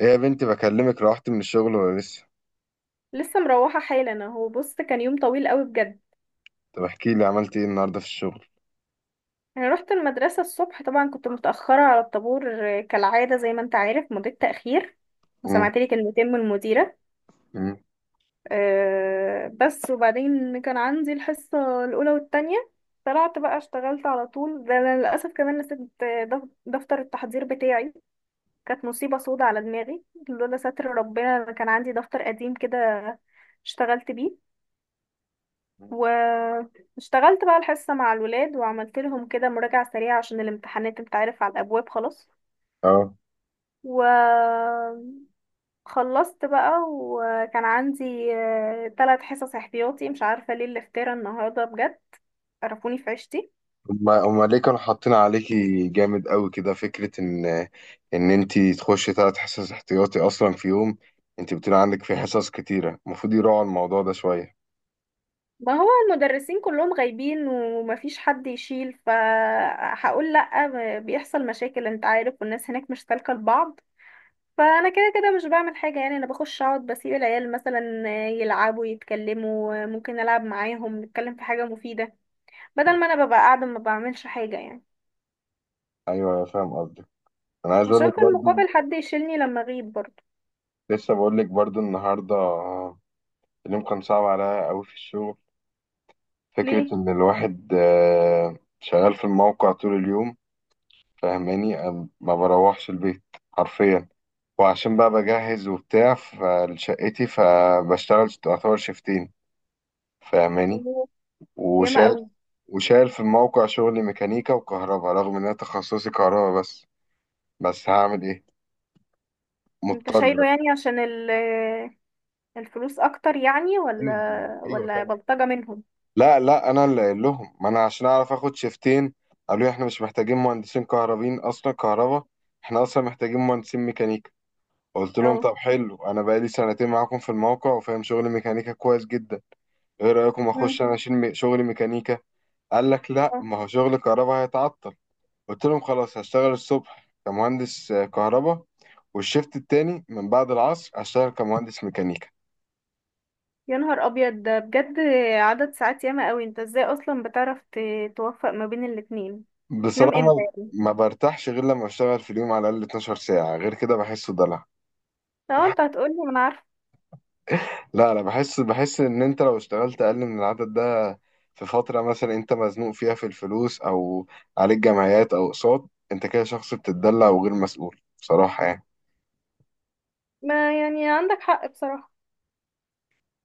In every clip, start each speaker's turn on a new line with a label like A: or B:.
A: ايه يا بنتي، بكلمك، روحت من الشغل ولا لسه؟
B: لسه مروحة حالا، اهو بص، كان يوم طويل قوي بجد.
A: طب احكي لي، عملت ايه النهارده في الشغل؟
B: انا رحت المدرسة الصبح، طبعا كنت متأخرة على الطابور، كالعادة زي ما انت عارف، مضيت تأخير
A: امم
B: وسمعت لي كلمتين من المديرة.
A: امم
B: أه بس، وبعدين كان عندي الحصة الأولى والتانية. طلعت بقى، اشتغلت على طول. ده أنا للأسف كمان نسيت دفتر التحضير بتاعي. كانت مصيبة سودة على دماغي، لولا ستر ربنا. أنا كان عندي دفتر قديم كده اشتغلت بيه. واشتغلت بقى الحصة مع الولاد، وعملت لهم كده مراجعة سريعة عشان الامتحانات، انت عارف، على الأبواب خلاص.
A: اه.
B: وخلصت بقى، وكان عندي 3 حصص احتياطي. مش عارفة ليه الافتراء النهاردة بجد، قرفوني في عيشتي.
A: هما ليه كانوا حاطين عليكي جامد قوي كده، فكره ان انتي تخشي 3 حصص احتياطي اصلا في يوم؟ انتي بتقولي عندك في حصص كتيره، المفروض يراعوا الموضوع ده شويه.
B: ما هو المدرسين كلهم غايبين ومفيش حد يشيل، فهقول لأ بيحصل مشاكل، انت عارف، والناس هناك مش سالكة لبعض. فانا كده كده مش بعمل حاجه يعني، انا بخش اقعد بسيب العيال مثلا يلعبوا يتكلموا، ممكن العب معاهم نتكلم في حاجه مفيده، بدل ما انا ببقى قاعده ما بعملش حاجه يعني.
A: ايوه، أنا فاهم قصدك. انا عايز اقول
B: عشان
A: لك
B: في
A: برضو،
B: المقابل حد يشيلني لما اغيب برضه.
A: لسه بقول لك برضو النهارده، اليوم كان صعب عليا قوي في الشغل، فكره
B: ليه؟
A: ان الواحد شغال في الموقع طول اليوم. فاهماني؟ ما بروحش البيت، حرفيا. وعشان بقى بجهز وبتاع فلشقتي، فبشتغل تعتبر شيفتين. فاهماني؟
B: الله! ياما
A: وشايل
B: قوي.
A: وشايل في الموقع، شغلي ميكانيكا وكهرباء، رغم ان انا تخصصي كهرباء، بس هعمل ايه؟
B: انت
A: مضطر
B: شايله
A: بقى.
B: يعني عشان الفلوس اكتر يعني،
A: ايوه،
B: ولا
A: أيوة
B: ولا
A: طبعا.
B: بلطجه منهم؟
A: لا لا، انا اللي قايل لهم، ما انا عشان اعرف اخد شيفتين. قالوا لي احنا مش محتاجين مهندسين كهربين اصلا، كهرباء، احنا اصلا محتاجين مهندسين ميكانيكا. قلت لهم
B: اه.
A: طب حلو، انا بقالي سنتين معاكم في الموقع وفاهم شغل ميكانيكا كويس جدا. ايه رايكم
B: مم.
A: اخش انا اشيل شغل ميكانيكا؟ قال لك لا،
B: آه.
A: ما هو شغل كهرباء هيتعطل. قلت لهم خلاص، هشتغل الصبح كمهندس كهرباء، والشيفت التاني من بعد العصر هشتغل كمهندس ميكانيكا.
B: يا نهار ابيض ده بجد! عدد ساعات ياما قوي، انت ازاي اصلا بتعرف توفق ما بين الاتنين؟ بتنام
A: بصراحة،
B: امتى؟
A: ما برتاحش غير لما اشتغل في اليوم على الاقل 12 ساعة، غير كده بحسه دلع.
B: لو انت هتقولي ما انا عارفه.
A: لا لا، بحس ان انت لو اشتغلت اقل من العدد ده في فترة مثلا انت مزنوق فيها في الفلوس، او عليك جمعيات او اقساط، انت كده شخص بتتدلع وغير مسؤول بصراحة يعني.
B: ما يعني عندك حق بصراحة.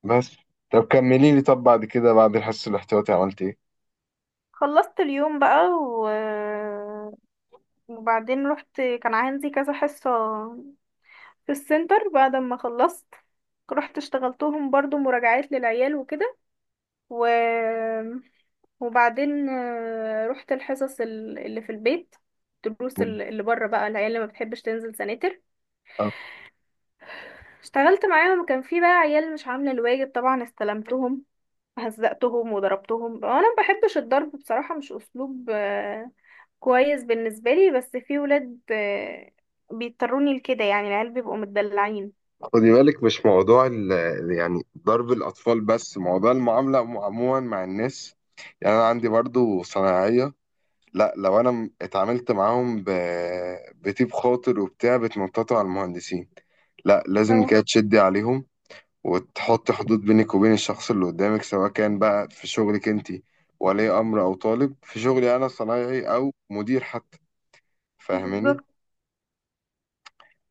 A: بس، طب كملي لي، طب بعد كده بعد الحس الاحتياطي عملت ايه؟
B: خلصت اليوم بقى، وبعدين رحت كان عندي كذا حصة في السنتر. بعد ما خلصت رحت اشتغلتهم برضو مراجعات للعيال وكده. و... وبعدين رحت الحصص اللي في البيت، الدروس
A: مم.
B: اللي بره بقى، العيال اللي ما بتحبش تنزل سناتر.
A: آه،
B: اشتغلت معاهم، كان في بقى عيال مش عاملة الواجب طبعا، استلمتهم، هزقتهم وضربتهم. انا ما بحبش الضرب بصراحة، مش اسلوب كويس بالنسبة لي، بس في ولاد بيضطروني لكده، يعني العيال بيبقوا متدلعين.
A: خدي بالك، مش موضوع يعني ضرب الأطفال، بس موضوع المعاملة عموما مع الناس. يعني أنا عندي برضو صنايعية، لا لو أنا اتعاملت معاهم بطيب خاطر وبتاع، بتنططوا على المهندسين. لا، لازم
B: اه.
A: كده تشدي عليهم وتحط حدود بينك وبين الشخص اللي قدامك، سواء كان بقى في شغلك انت ولي امر او طالب، في شغلي انا صنايعي او مدير حتى. فاهماني؟
B: بالظبط.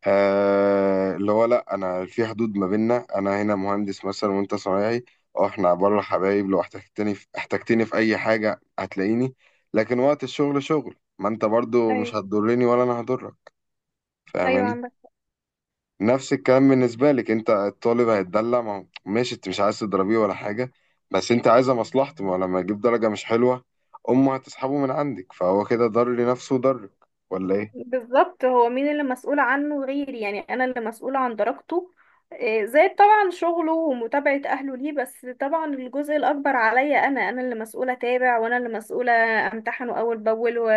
A: آه، اللي هو لا، انا في حدود ما بيننا، انا هنا مهندس مثلا وانت صنايعي، اه احنا بره حبايب، لو احتجتني في اي حاجه هتلاقيني، لكن وقت الشغل شغل، ما انت برضو مش
B: ايوه.
A: هتضرني ولا انا هضرك.
B: ايوه
A: فاهماني؟
B: عندك.
A: نفس الكلام بالنسبة لك، انت الطالب هيتدلع، ما هو- ماشي انت مش عايز تضربيه ولا حاجة، بس انت عايزة مصلحته، ما هو لما يجيب درجة مش حلوة امه هتسحبه من عندك، فهو كده ضر لنفسه وضرك، ولا ايه؟
B: بالظبط، هو مين اللي مسؤول عنه غيري يعني؟ انا اللي مسؤولة عن درجته، زائد طبعا شغله ومتابعة اهله ليه، بس طبعا الجزء الاكبر عليا، انا اللي مسؤولة اتابع، وانا اللي مسؤولة امتحنه اول باول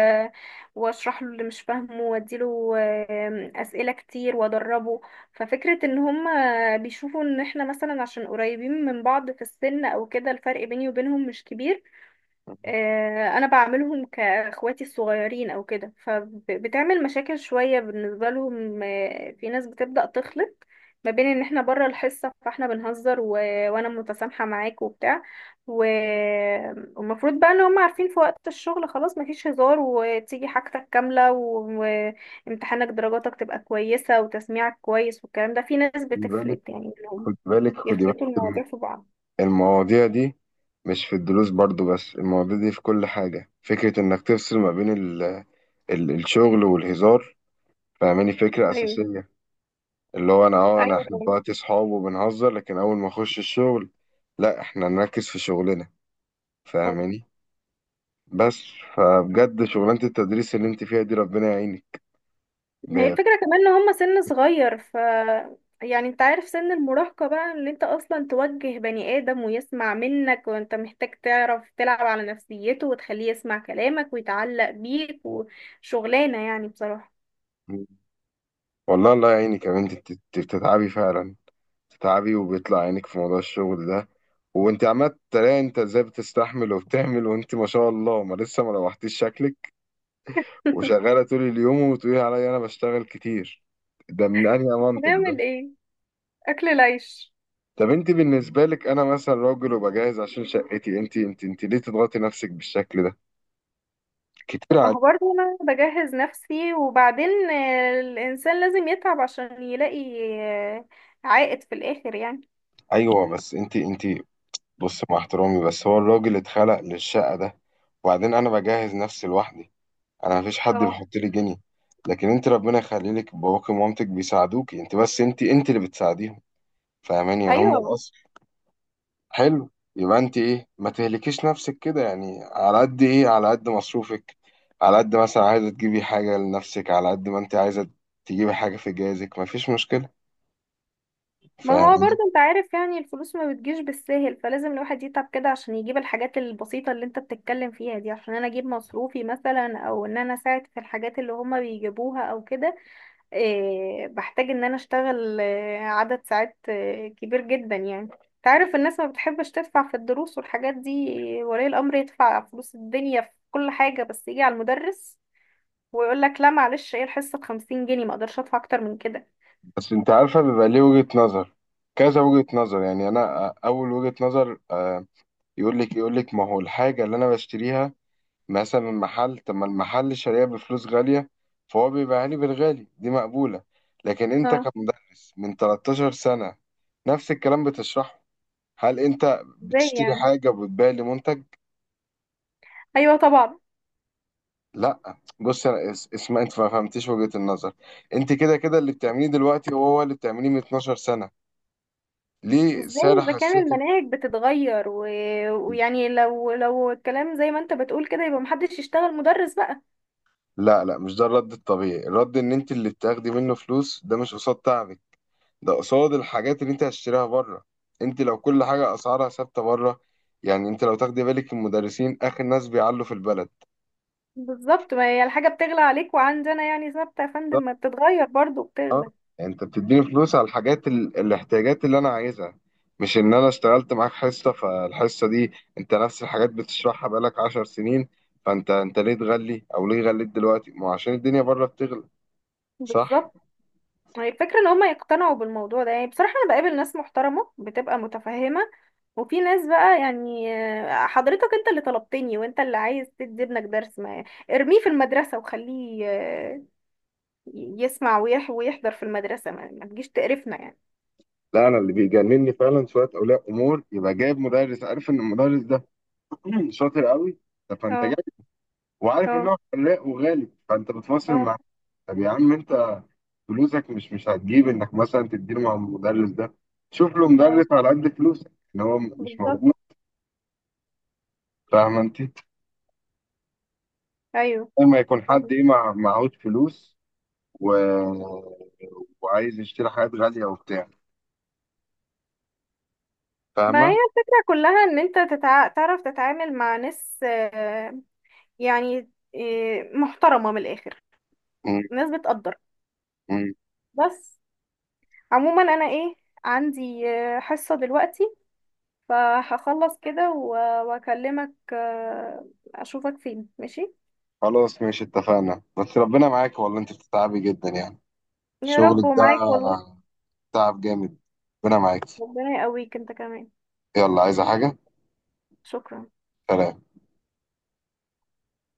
B: واشرح له اللي مش فاهمه، واديله اسئلة كتير وادربه. ففكرة ان هم بيشوفوا ان احنا، مثلا عشان قريبين من بعض في السن او كده، الفرق بيني وبينهم مش كبير. انا بعملهم كاخواتي الصغيرين او كده، فبتعمل مشاكل شوية بالنسبة لهم. في ناس بتبدأ تخلط ما بين ان احنا بره الحصة فاحنا بنهزر، وانا متسامحة معاك وبتاع، و... والمفروض بقى ان هم عارفين في وقت الشغل خلاص مفيش هزار، وتيجي حاجتك كاملة وامتحانك درجاتك تبقى كويسة وتسميعك كويس، والكلام ده في ناس
A: خدي بالك،
B: بتفلت يعني انهم
A: خدي بالك، خدي بالك،
B: يخلطوا المواضيع في بعض.
A: المواضيع دي مش في الدروس برضو بس، المواضيع دي في كل حاجة، فكرة انك تفصل ما بين ال ال الشغل والهزار. فاهماني؟ فكرة
B: ايوه.
A: أساسية، اللي هو، انا اه انا احنا
B: ايوه.
A: دلوقتي صحاب وبنهزر، لكن اول ما اخش الشغل لا احنا نركز في شغلنا.
B: طبعاً.
A: فاهماني؟ بس. فبجد شغلانة التدريس اللي انت فيها دي، ربنا يعينك.
B: هي
A: ب...
B: الفكرة كمان ان هما سن صغير، ف يعني انت عارف، سن المراهقة بقى، ان انت اصلا توجه بني ادم ويسمع منك، وانت محتاج تعرف تلعب على نفسيته وتخليه يسمع كلامك ويتعلق بيك، وشغلانة يعني بصراحة.
A: والله، الله يعينك يا بنتي، بتتعبي فعلا. بتتعبي وبيطلع عينك في موضوع الشغل ده، وانت عمال تلاقي، انت ازاي بتستحمل وبتعمل؟ وانت ما شاء الله، ما لسه ما روحتيش شكلك وشغالة طول اليوم، وتقولي عليا انا بشتغل كتير، ده من انهي منطق ده؟
B: هنعمل ايه؟ اكل العيش.
A: طب انت بالنسبة لك، انا مثلا راجل وبجهز عشان شقتي، انت ليه تضغطي نفسك بالشكل ده؟ كتير
B: طب ما
A: عليك.
B: هو برضه انا بجهز نفسي، وبعدين الانسان لازم يتعب عشان يلاقي آه، عائد في الاخر يعني.
A: ايوه، بس انت، بص، مع احترامي، بس هو الراجل اتخلق للشقة ده، وبعدين أنا بجهز نفسي لوحدي، أنا مفيش حد
B: اه.
A: بيحط لي جنيه، لكن أنت ربنا يخليلك باباك ومامتك بيساعدوك أنت، بس أنت اللي بتساعديهم، فاهماني؟ يعني هم
B: ايوه.
A: الأصل. حلو، يبقى أنت إيه؟ ما تهلكيش نفسك كده يعني، على قد إيه، على قد مصروفك، على قد مثلا عايزة تجيبي حاجة لنفسك، على قد ما أنت عايزة تجيبي حاجة في جهازك، مفيش مشكلة.
B: ما هو
A: فاهماني؟
B: برضه انت عارف يعني، الفلوس ما بتجيش بالساهل، فلازم الواحد يتعب كده عشان يجيب الحاجات البسيطة اللي انت بتتكلم فيها دي، عشان انا اجيب مصروفي مثلا، او ان انا اساعد في الحاجات اللي هما بيجيبوها او كده. إيه، بحتاج ان انا اشتغل عدد ساعات كبير جدا يعني، انت عارف الناس ما بتحبش تدفع في الدروس والحاجات دي، ولي الامر يدفع فلوس الدنيا في كل حاجة، بس يجي على المدرس ويقول لك لا معلش، ايه الحصة بـ50 جنيه؟ ما اقدرش ادفع اكتر من كده.
A: بس انت عارفه بيبقى ليه وجهه نظر، كذا وجهه نظر. يعني انا، اول وجهه نظر، يقول لك ما هو الحاجه اللي انا بشتريها مثلا من محل، طب ما المحل شاريها بفلوس غاليه فهو بيبيعها لي بالغالي، دي مقبوله. لكن انت
B: اه.
A: كمدرس من 13 سنه نفس الكلام بتشرحه، هل انت
B: ازاي
A: بتشتري
B: يعني؟
A: حاجه وبتبيع لي منتج؟
B: ايوه طبعا.
A: لا بص، انا اسمع، انت ما فهمتيش وجهه النظر، انت كده كده اللي بتعمليه دلوقتي هو هو اللي بتعمليه من 12 سنه، ليه
B: ازاي
A: سعر
B: اذا كان
A: حسيت؟
B: المناهج بتتغير ويعني، لو الكلام زي ما انت بتقول كده، يبقى محدش يشتغل مدرس بقى.
A: لا لا، مش ده الرد الطبيعي. الرد ان انت اللي بتاخدي منه فلوس، ده مش قصاد تعبك، ده قصاد الحاجات اللي انت هتشتريها بره. انت لو كل حاجة اسعارها ثابتة بره، يعني انت لو تاخدي بالك المدرسين اخر ناس بيعلوا في البلد.
B: بالظبط. ما هي الحاجة بتغلى عليك، وعندنا يعني ثابتة يا فندم؟
A: بالظبط.
B: ما بتتغير برضو،
A: اه،
B: بتغلى.
A: يعني انت بتديني فلوس على الحاجات، الاحتياجات اللي انا عايزها، مش ان انا اشتغلت معاك حصة فالحصة دي، انت نفس الحاجات بتشرحها بقالك 10 سنين، فانت ليه تغلي او ليه غليت دلوقتي؟ ما هو عشان الدنيا بره بتغلى. صح.
B: بالظبط. هي الفكرة ان هما يقتنعوا بالموضوع ده، يعني بصراحة انا بقابل ناس محترمة بتبقى متفهمة، وفي ناس بقى يعني حضرتك انت اللي طلبتني وانت اللي عايز تدي ابنك درس، ما ارميه في المدرسة وخليه يسمع ويحضر في المدرسة، ما تجيش تقرفنا يعني.
A: لا، انا اللي بيجنني فعلا شويه اولياء امور، يبقى جايب مدرس عارف ان المدرس ده شاطر قوي. طب فانت
B: اه.
A: جاي وعارف ان
B: اه.
A: هو فلاق وغالي، فانت بتفاصل
B: اه.
A: معاه. طب يا عم انت، فلوسك مش هتجيب انك مثلا تديله مع المدرس ده، شوف له
B: اه.
A: مدرس على قد فلوسك ان هو مش موجود.
B: بالظبط.
A: فاهم انت؟
B: ايوه.
A: لما يكون حد
B: فاهمة.
A: ايه، معهوش فلوس، و... وعايز يشتري حاجات غاليه وبتاع.
B: ما
A: فاهمه؟
B: هي الفكرة كلها ان انت تعرف تتعامل مع ناس، يعني محترمة من الاخر،
A: م-
B: ناس بتقدر
A: م.
B: بس. عموما انا ايه، عندي حصة دلوقتي، فهخلص كده واكلمك اشوفك فين ماشي.
A: خلاص ماشي، اتفقنا. بس ربنا معاك والله، انت بتتعبي جدا يعني،
B: يا رب
A: شغلك ده
B: ومعاك والله.
A: تعب جامد. ربنا معاكي.
B: ربنا يقويك انت كمان.
A: يلا، عايزة حاجة؟
B: شكرا.
A: سلام.